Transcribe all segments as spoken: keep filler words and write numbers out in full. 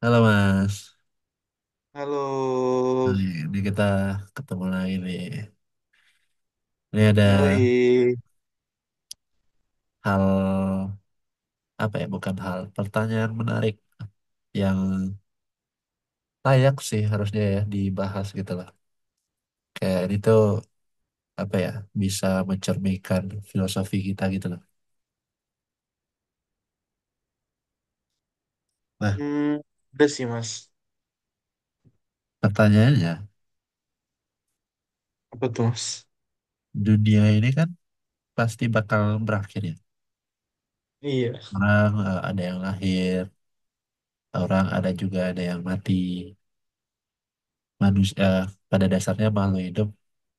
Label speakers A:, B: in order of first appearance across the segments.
A: Halo Mas.
B: Halo,
A: Hai, ini kita ketemu lagi nih. Ini ada
B: yoi.
A: hal apa ya? Bukan hal pertanyaan menarik yang layak sih harusnya ya dibahas gitu loh. Kayak ini tuh apa ya? Bisa mencerminkan filosofi kita gitu loh. Nah,
B: Hmm, udah sih, mas.
A: pertanyaannya,
B: Apa tuh, mas?
A: dunia ini kan pasti bakal berakhir ya.
B: Iya.
A: Orang eh, ada yang lahir, orang ada juga ada yang mati. Manusia pada dasarnya makhluk hidup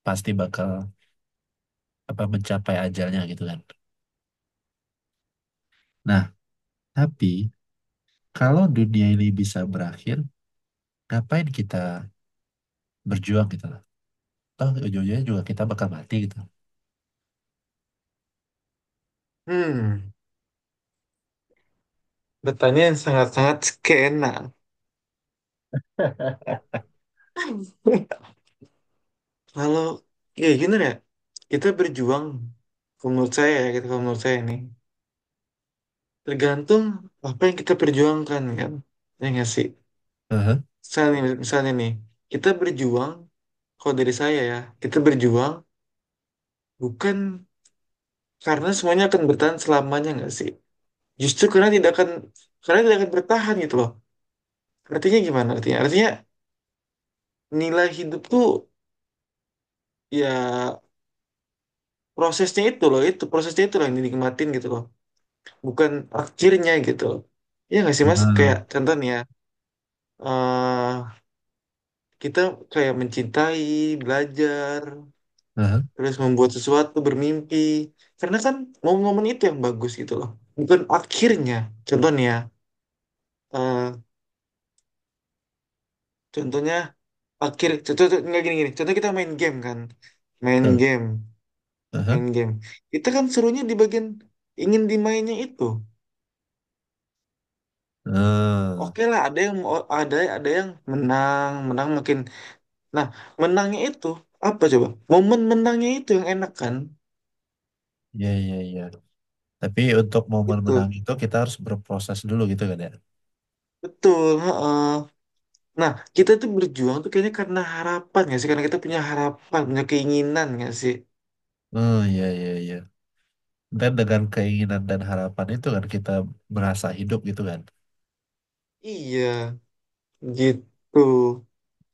A: pasti bakal apa mencapai ajalnya gitu kan. Nah, tapi kalau dunia ini bisa berakhir, ngapain kita berjuang gitu lah. Toh ujung-ujungnya juga kita bakal mati gitu.
B: Hmm, Bertanya yang sangat-sangat skena. Kalau ya gini ya, kita berjuang. Kalau menurut saya ya, kita kalau menurut saya ini tergantung apa yang kita perjuangkan, kan. Ya nggak sih.
A: Heeh,
B: Misalnya, nih- misalnya nih, kita berjuang. Kalau dari saya ya, kita berjuang bukan karena semuanya akan bertahan selamanya, nggak sih. Justru karena tidak akan karena tidak akan bertahan, gitu loh. Artinya gimana, artinya artinya nilai hidup tuh, ya, prosesnya itu loh, itu prosesnya itu loh yang dinikmatin, gitu loh. Bukan akhirnya, gitu loh. Ya nggak sih, mas?
A: heeh,
B: Kayak contohnya, eh kita kayak mencintai, belajar,
A: heeh.
B: terus membuat sesuatu, bermimpi, karena kan momen-momen itu yang bagus, gitu loh. Bukan akhirnya. Contohnya eh contohnya, akhir contoh contoh- nggak gini gini, contoh kita main game kan, main
A: Betul.
B: game
A: Heeh,
B: main game kita kan, serunya di bagian ingin dimainnya itu.
A: heeh.
B: Oke lah, ada yang ada ada yang menang, menang makin. Nah, menangnya itu apa coba, momen menangnya itu yang enak kan.
A: Iya, iya, iya. Tapi untuk momen menang
B: Itu
A: itu kita harus berproses dulu gitu kan ya.
B: betul, heeh. Nah, kita tuh berjuang tuh kayaknya karena harapan nggak sih, karena kita punya harapan, punya keinginan nggak sih.
A: Oh, iya, iya, iya. Dan dengan keinginan dan harapan itu kan kita merasa hidup gitu kan.
B: Iya, gitu.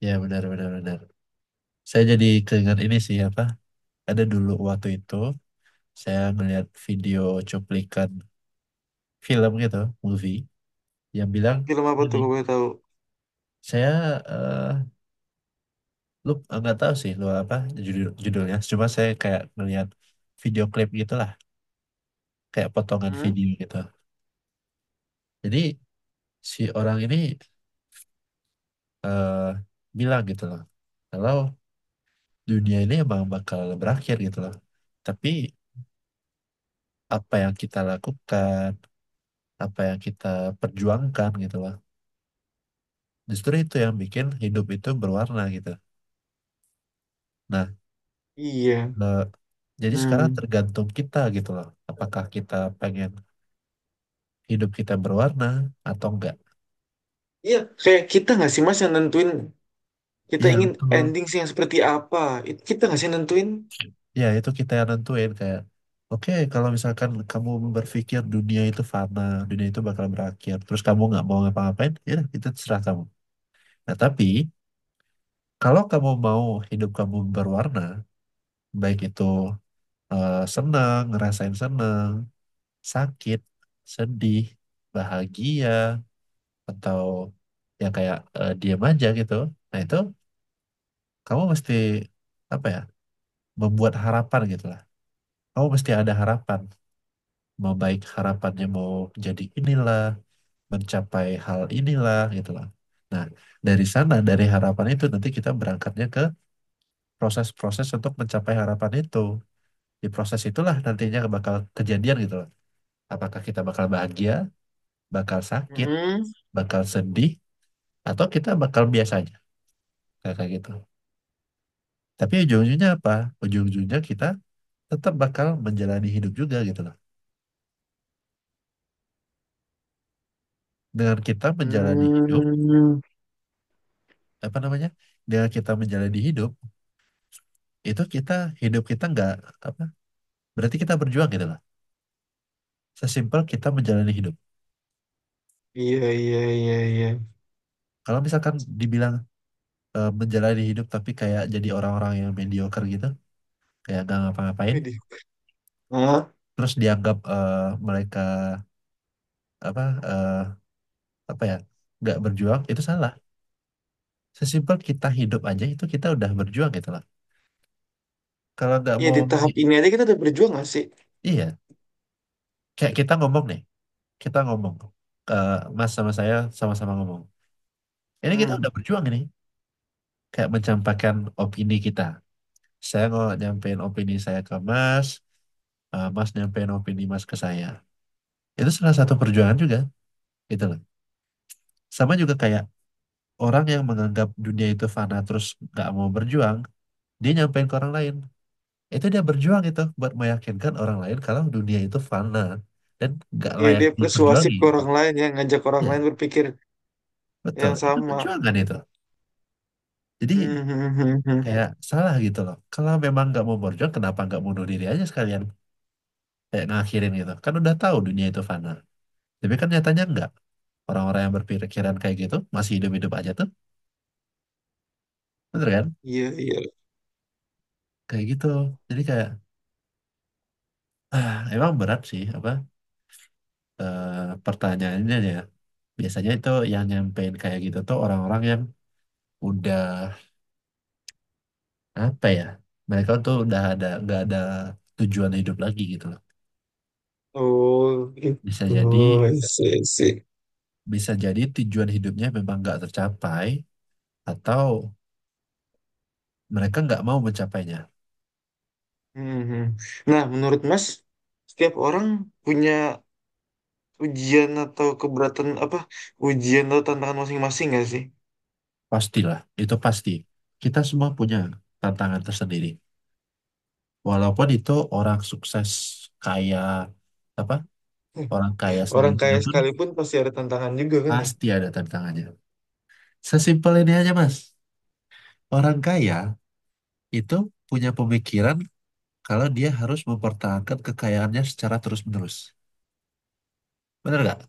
A: Ya, benar, benar, benar. Saya jadi keingat ini sih apa? Ada dulu waktu itu saya melihat video cuplikan film gitu, movie yang bilang
B: Film apa tuh,
A: ini
B: kalau boleh tahu?
A: saya eh, lu eh, nggak tahu sih lu apa judul judulnya, cuma saya kayak ngeliat video klip gitulah, kayak potongan
B: Hmm?
A: video gitu. Jadi si orang ini eh, bilang gitu loh, kalau dunia ini emang bakal berakhir gitu loh. Tapi apa yang kita lakukan, apa yang kita perjuangkan gitu loh, justru itu yang bikin hidup itu berwarna gitu. Nah
B: Iya.
A: Nah, jadi sekarang
B: Hmm.
A: tergantung kita gitu loh. Apakah kita pengen hidup kita berwarna atau enggak?
B: Iya, kayak kita nggak sih, mas, yang nentuin kita
A: Iya
B: ingin
A: betul.
B: ending sih yang seperti apa? Itu kita nggak sih yang nentuin?
A: Ya itu kita yang nentuin kayak, oke kalau misalkan kamu berpikir dunia itu fana, dunia itu bakal berakhir, terus kamu nggak mau ngapa-ngapain, ya udah, itu terserah kamu. Nah tapi kalau kamu mau hidup kamu berwarna, baik itu eh, senang, ngerasain senang, sakit, sedih, bahagia, atau ya kayak eh, diem aja gitu. Nah itu kamu mesti apa ya membuat harapan gitu lah. Kamu mesti ada harapan, mau baik harapannya mau jadi inilah, mencapai hal inilah gitu lah. Nah dari sana dari harapan itu nanti kita berangkatnya ke proses-proses untuk mencapai harapan itu. Di proses itulah nantinya bakal kejadian gitu loh. Apakah kita bakal bahagia, bakal sakit,
B: Hmm,
A: bakal sedih, atau kita bakal biasa aja kayak kayak gitu. Tapi ujung-ujungnya apa? Ujung-ujungnya kita tetap bakal menjalani hidup juga gitu loh. Dengan kita menjalani hidup,
B: hmm,
A: apa namanya? Dengan kita menjalani hidup, itu kita hidup kita nggak apa? Berarti kita berjuang gitu loh. Sesimpel kita menjalani hidup.
B: iya, iya, iya, iya.
A: Kalau misalkan dibilang eh, menjalani hidup tapi kayak jadi orang-orang yang mediocre gitu, kayak nggak ngapa-ngapain,
B: Jadi, ah,
A: terus dianggap eh, mereka apa eh, apa ya? Nggak berjuang, itu salah. Sesimpel kita hidup aja itu kita udah berjuang gitu loh. Kalau nggak
B: iya,
A: mau,
B: di tahap ini aja kita udah berjuang nggak sih?
A: iya, kayak kita ngomong nih, kita ngomong, ke Mas sama saya sama-sama ngomong. Ini kita
B: Hmm,
A: udah berjuang ini, kayak mencampakkan opini kita. Saya mau nyampein opini saya ke Mas, eh, Mas nyampein opini Mas ke saya. Itu salah satu perjuangan juga, gitu loh. Sama juga kayak orang yang menganggap dunia itu fana terus nggak mau berjuang, dia nyampein ke orang lain. Itu dia berjuang itu buat meyakinkan orang lain kalau dunia itu fana dan nggak
B: iya,
A: layak
B: dia persuasif
A: diperjuangi.
B: ke orang lain, ya, ngajak orang lain
A: Ya.
B: berpikir
A: Betul,
B: yang
A: itu
B: sama.
A: perjuangan itu.
B: Hmm,
A: Jadi
B: hmm, hmm, hmm.
A: kayak salah gitu loh. Kalau memang nggak mau berjuang, kenapa nggak bunuh diri aja sekalian? Kayak ngakhirin gitu. Kan udah tahu dunia itu fana. Tapi kan nyatanya nggak. Orang-orang yang berpikiran kayak gitu masih hidup-hidup aja tuh, bener kan?
B: Iya, iya.
A: Kayak gitu. Jadi kayak, ah, emang berat sih apa eh, pertanyaannya ya. Biasanya itu yang nyampein kayak gitu tuh orang-orang yang udah apa ya? Mereka tuh udah ada nggak ada tujuan hidup lagi gitu loh.
B: Oh,
A: Bisa
B: gitu.
A: jadi
B: Iya, sih, sih.
A: Bisa jadi tujuan hidupnya memang nggak tercapai atau mereka nggak mau mencapainya.
B: Hmm, hmm. Nah, menurut mas, setiap orang punya ujian atau keberatan apa ujian atau tantangan masing-masing nggak sih?
A: Pastilah, itu pasti. Kita semua punya tantangan tersendiri. Walaupun itu orang sukses kaya apa orang kaya
B: Hmm. Orang
A: sebelumnya
B: kaya
A: pun
B: sekalipun pasti ada tantangan juga kan, ya?
A: pasti ada tantangannya. Sesimpel ini aja Mas. Orang kaya itu punya pemikiran kalau dia harus mempertahankan kekayaannya secara terus-menerus. Benar nggak?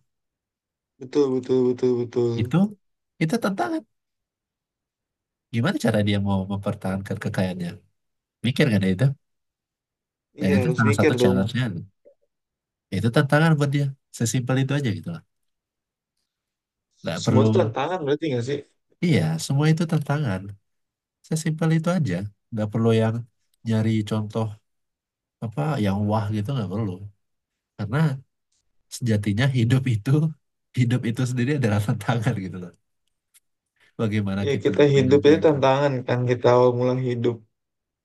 B: Betul, betul, betul, betul.
A: Itu itu tantangan. Gimana cara dia mau mempertahankan kekayaannya? Mikir kan ya itu, dan
B: Iya,
A: itu
B: harus
A: salah satu
B: mikir dong.
A: challenge-nya, itu tantangan buat dia, sesimpel itu aja gitu lah. Nggak
B: Semua
A: perlu,
B: itu tantangan berarti nggak sih?
A: iya semua itu tantangan, sesimpel itu aja, nggak perlu yang nyari contoh apa yang wah gitu, nggak perlu. Karena sejatinya hidup itu, hidup itu sendiri adalah tantangan gitu loh. Bagaimana
B: Ya,
A: kita
B: kita hidup itu
A: menyelesaikan,
B: tantangan kan, kita awal mula hidup.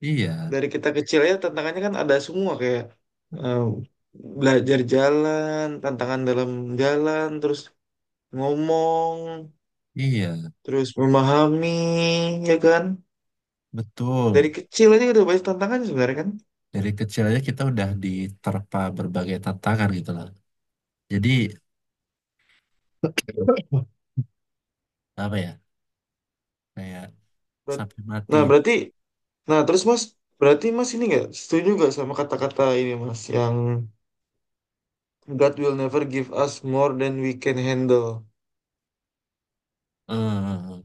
A: iya,
B: Dari kita kecil ya tantangannya kan ada semua, kayak eh, belajar jalan, tantangan dalam jalan, terus ngomong,
A: iya
B: terus memahami, ya kan? Dari
A: betul.
B: kecil aja udah banyak tantangannya, sebenarnya kan?
A: Dari kecil aja kita udah diterpa berbagai tantangan gitu loh. Jadi apa ya, kayak
B: Ber-
A: sampai mati.
B: Nah, berarti, nah terus mas, berarti mas ini nggak setuju nggak sama kata-kata ini mas, yang God will never give us more than we can handle.
A: Eh,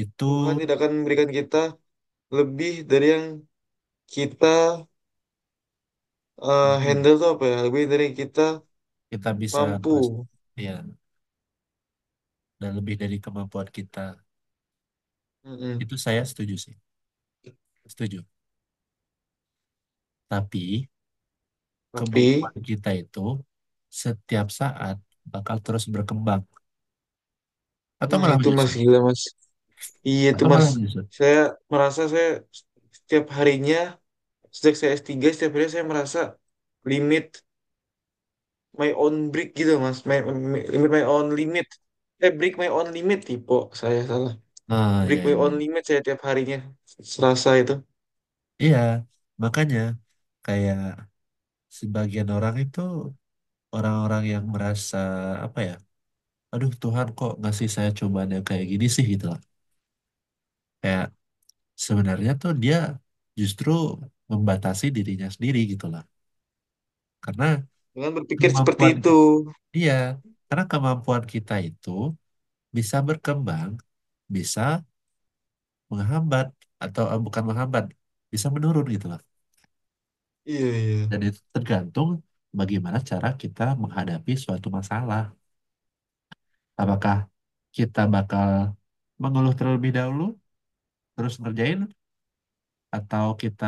A: itu
B: Tuhan tidak akan memberikan kita lebih dari yang kita, eh,
A: hmm,
B: handle tuh apa ya, lebih dari yang kita
A: kita bisa
B: mampu.
A: mas, ya, dan lebih dari kemampuan kita.
B: Mm-mm.
A: Itu saya setuju sih, setuju. Tapi
B: Tapi,
A: kemampuan kita itu setiap saat bakal terus berkembang atau
B: nah
A: malah
B: itu mas
A: menyusut,
B: gila mas, iya itu
A: atau
B: mas,
A: malah menyusut.
B: saya merasa saya setiap harinya sejak saya S tiga setiap hari saya merasa limit my own break gitu mas. My, my- Limit my own limit, eh break my own limit, tipe saya salah.
A: Nah,
B: Break
A: ya,
B: my
A: ya, ya.
B: own limit saya tiap harinya Selasa itu.
A: Iya, makanya kayak sebagian orang itu orang-orang yang merasa apa ya, aduh Tuhan kok ngasih saya cobaan yang kayak gini sih gitu lah. Kayak sebenarnya tuh dia justru membatasi dirinya sendiri gitu lah. Karena
B: Dengan berpikir
A: kemampuan
B: seperti itu.
A: dia, karena kemampuan kita itu bisa berkembang, bisa menghambat atau eh, bukan menghambat, bisa menurun gitu lah.
B: Iya, iya.
A: Dan itu tergantung bagaimana cara kita menghadapi suatu masalah. Apakah kita bakal mengeluh terlebih dahulu, terus ngerjain, atau kita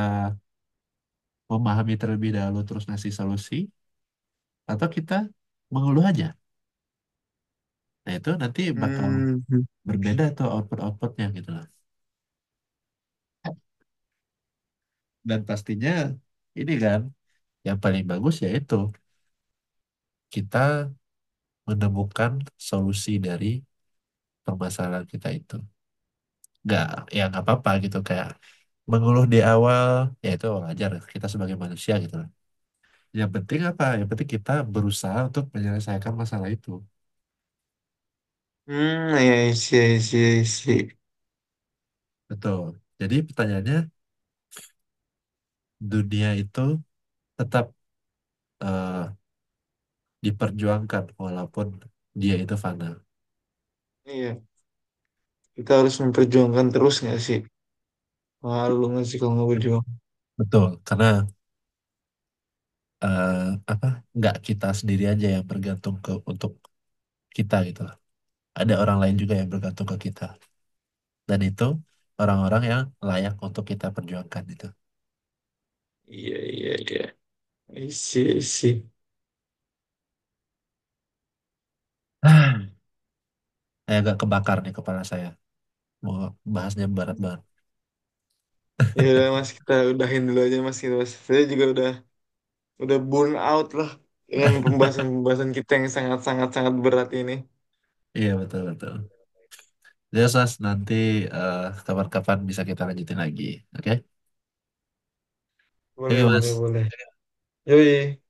A: memahami terlebih dahulu terus ngasih solusi, atau kita mengeluh aja. Nah, itu nanti bakal
B: Hmm,
A: berbeda tuh output-outputnya gitu loh. Dan pastinya ini kan yang paling bagus yaitu kita menemukan solusi dari permasalahan kita itu. Nggak, ya nggak apa-apa gitu kayak mengeluh di awal, ya itu wajar kita sebagai manusia gitu loh. Yang penting apa? Yang penting kita berusaha untuk menyelesaikan masalah itu.
B: hmm. Iya, iya, iya, iya, iya.
A: Betul. Jadi pertanyaannya dunia itu tetap eh, diperjuangkan walaupun dia itu fana.
B: Iya. Kita harus memperjuangkan terus nggak sih, malu nggak sih kalau nggak berjuang.
A: Betul, karena eh, apa nggak kita sendiri aja yang bergantung ke untuk kita gitu loh. Ada orang lain juga yang bergantung ke kita. Dan itu orang-orang yang layak untuk kita perjuangkan gitu.
B: Iya, iya, iya, isi, isi.
A: Ah, saya agak kebakar nih kepala saya. Mau bahasnya berat banget.
B: Ya udah, mas, kita udahin dulu aja mas, gitu mas, saya juga udah udah burn out lah dengan pembahasan-pembahasan kita yang sangat-sangat sangat berat ini.
A: Iya betul betul. Jadi Mas nanti eh, kapan-kapan bisa kita lanjutin lagi. Oke?
B: Boleh,
A: Oke Mas.
B: boleh, boleh. Yoi.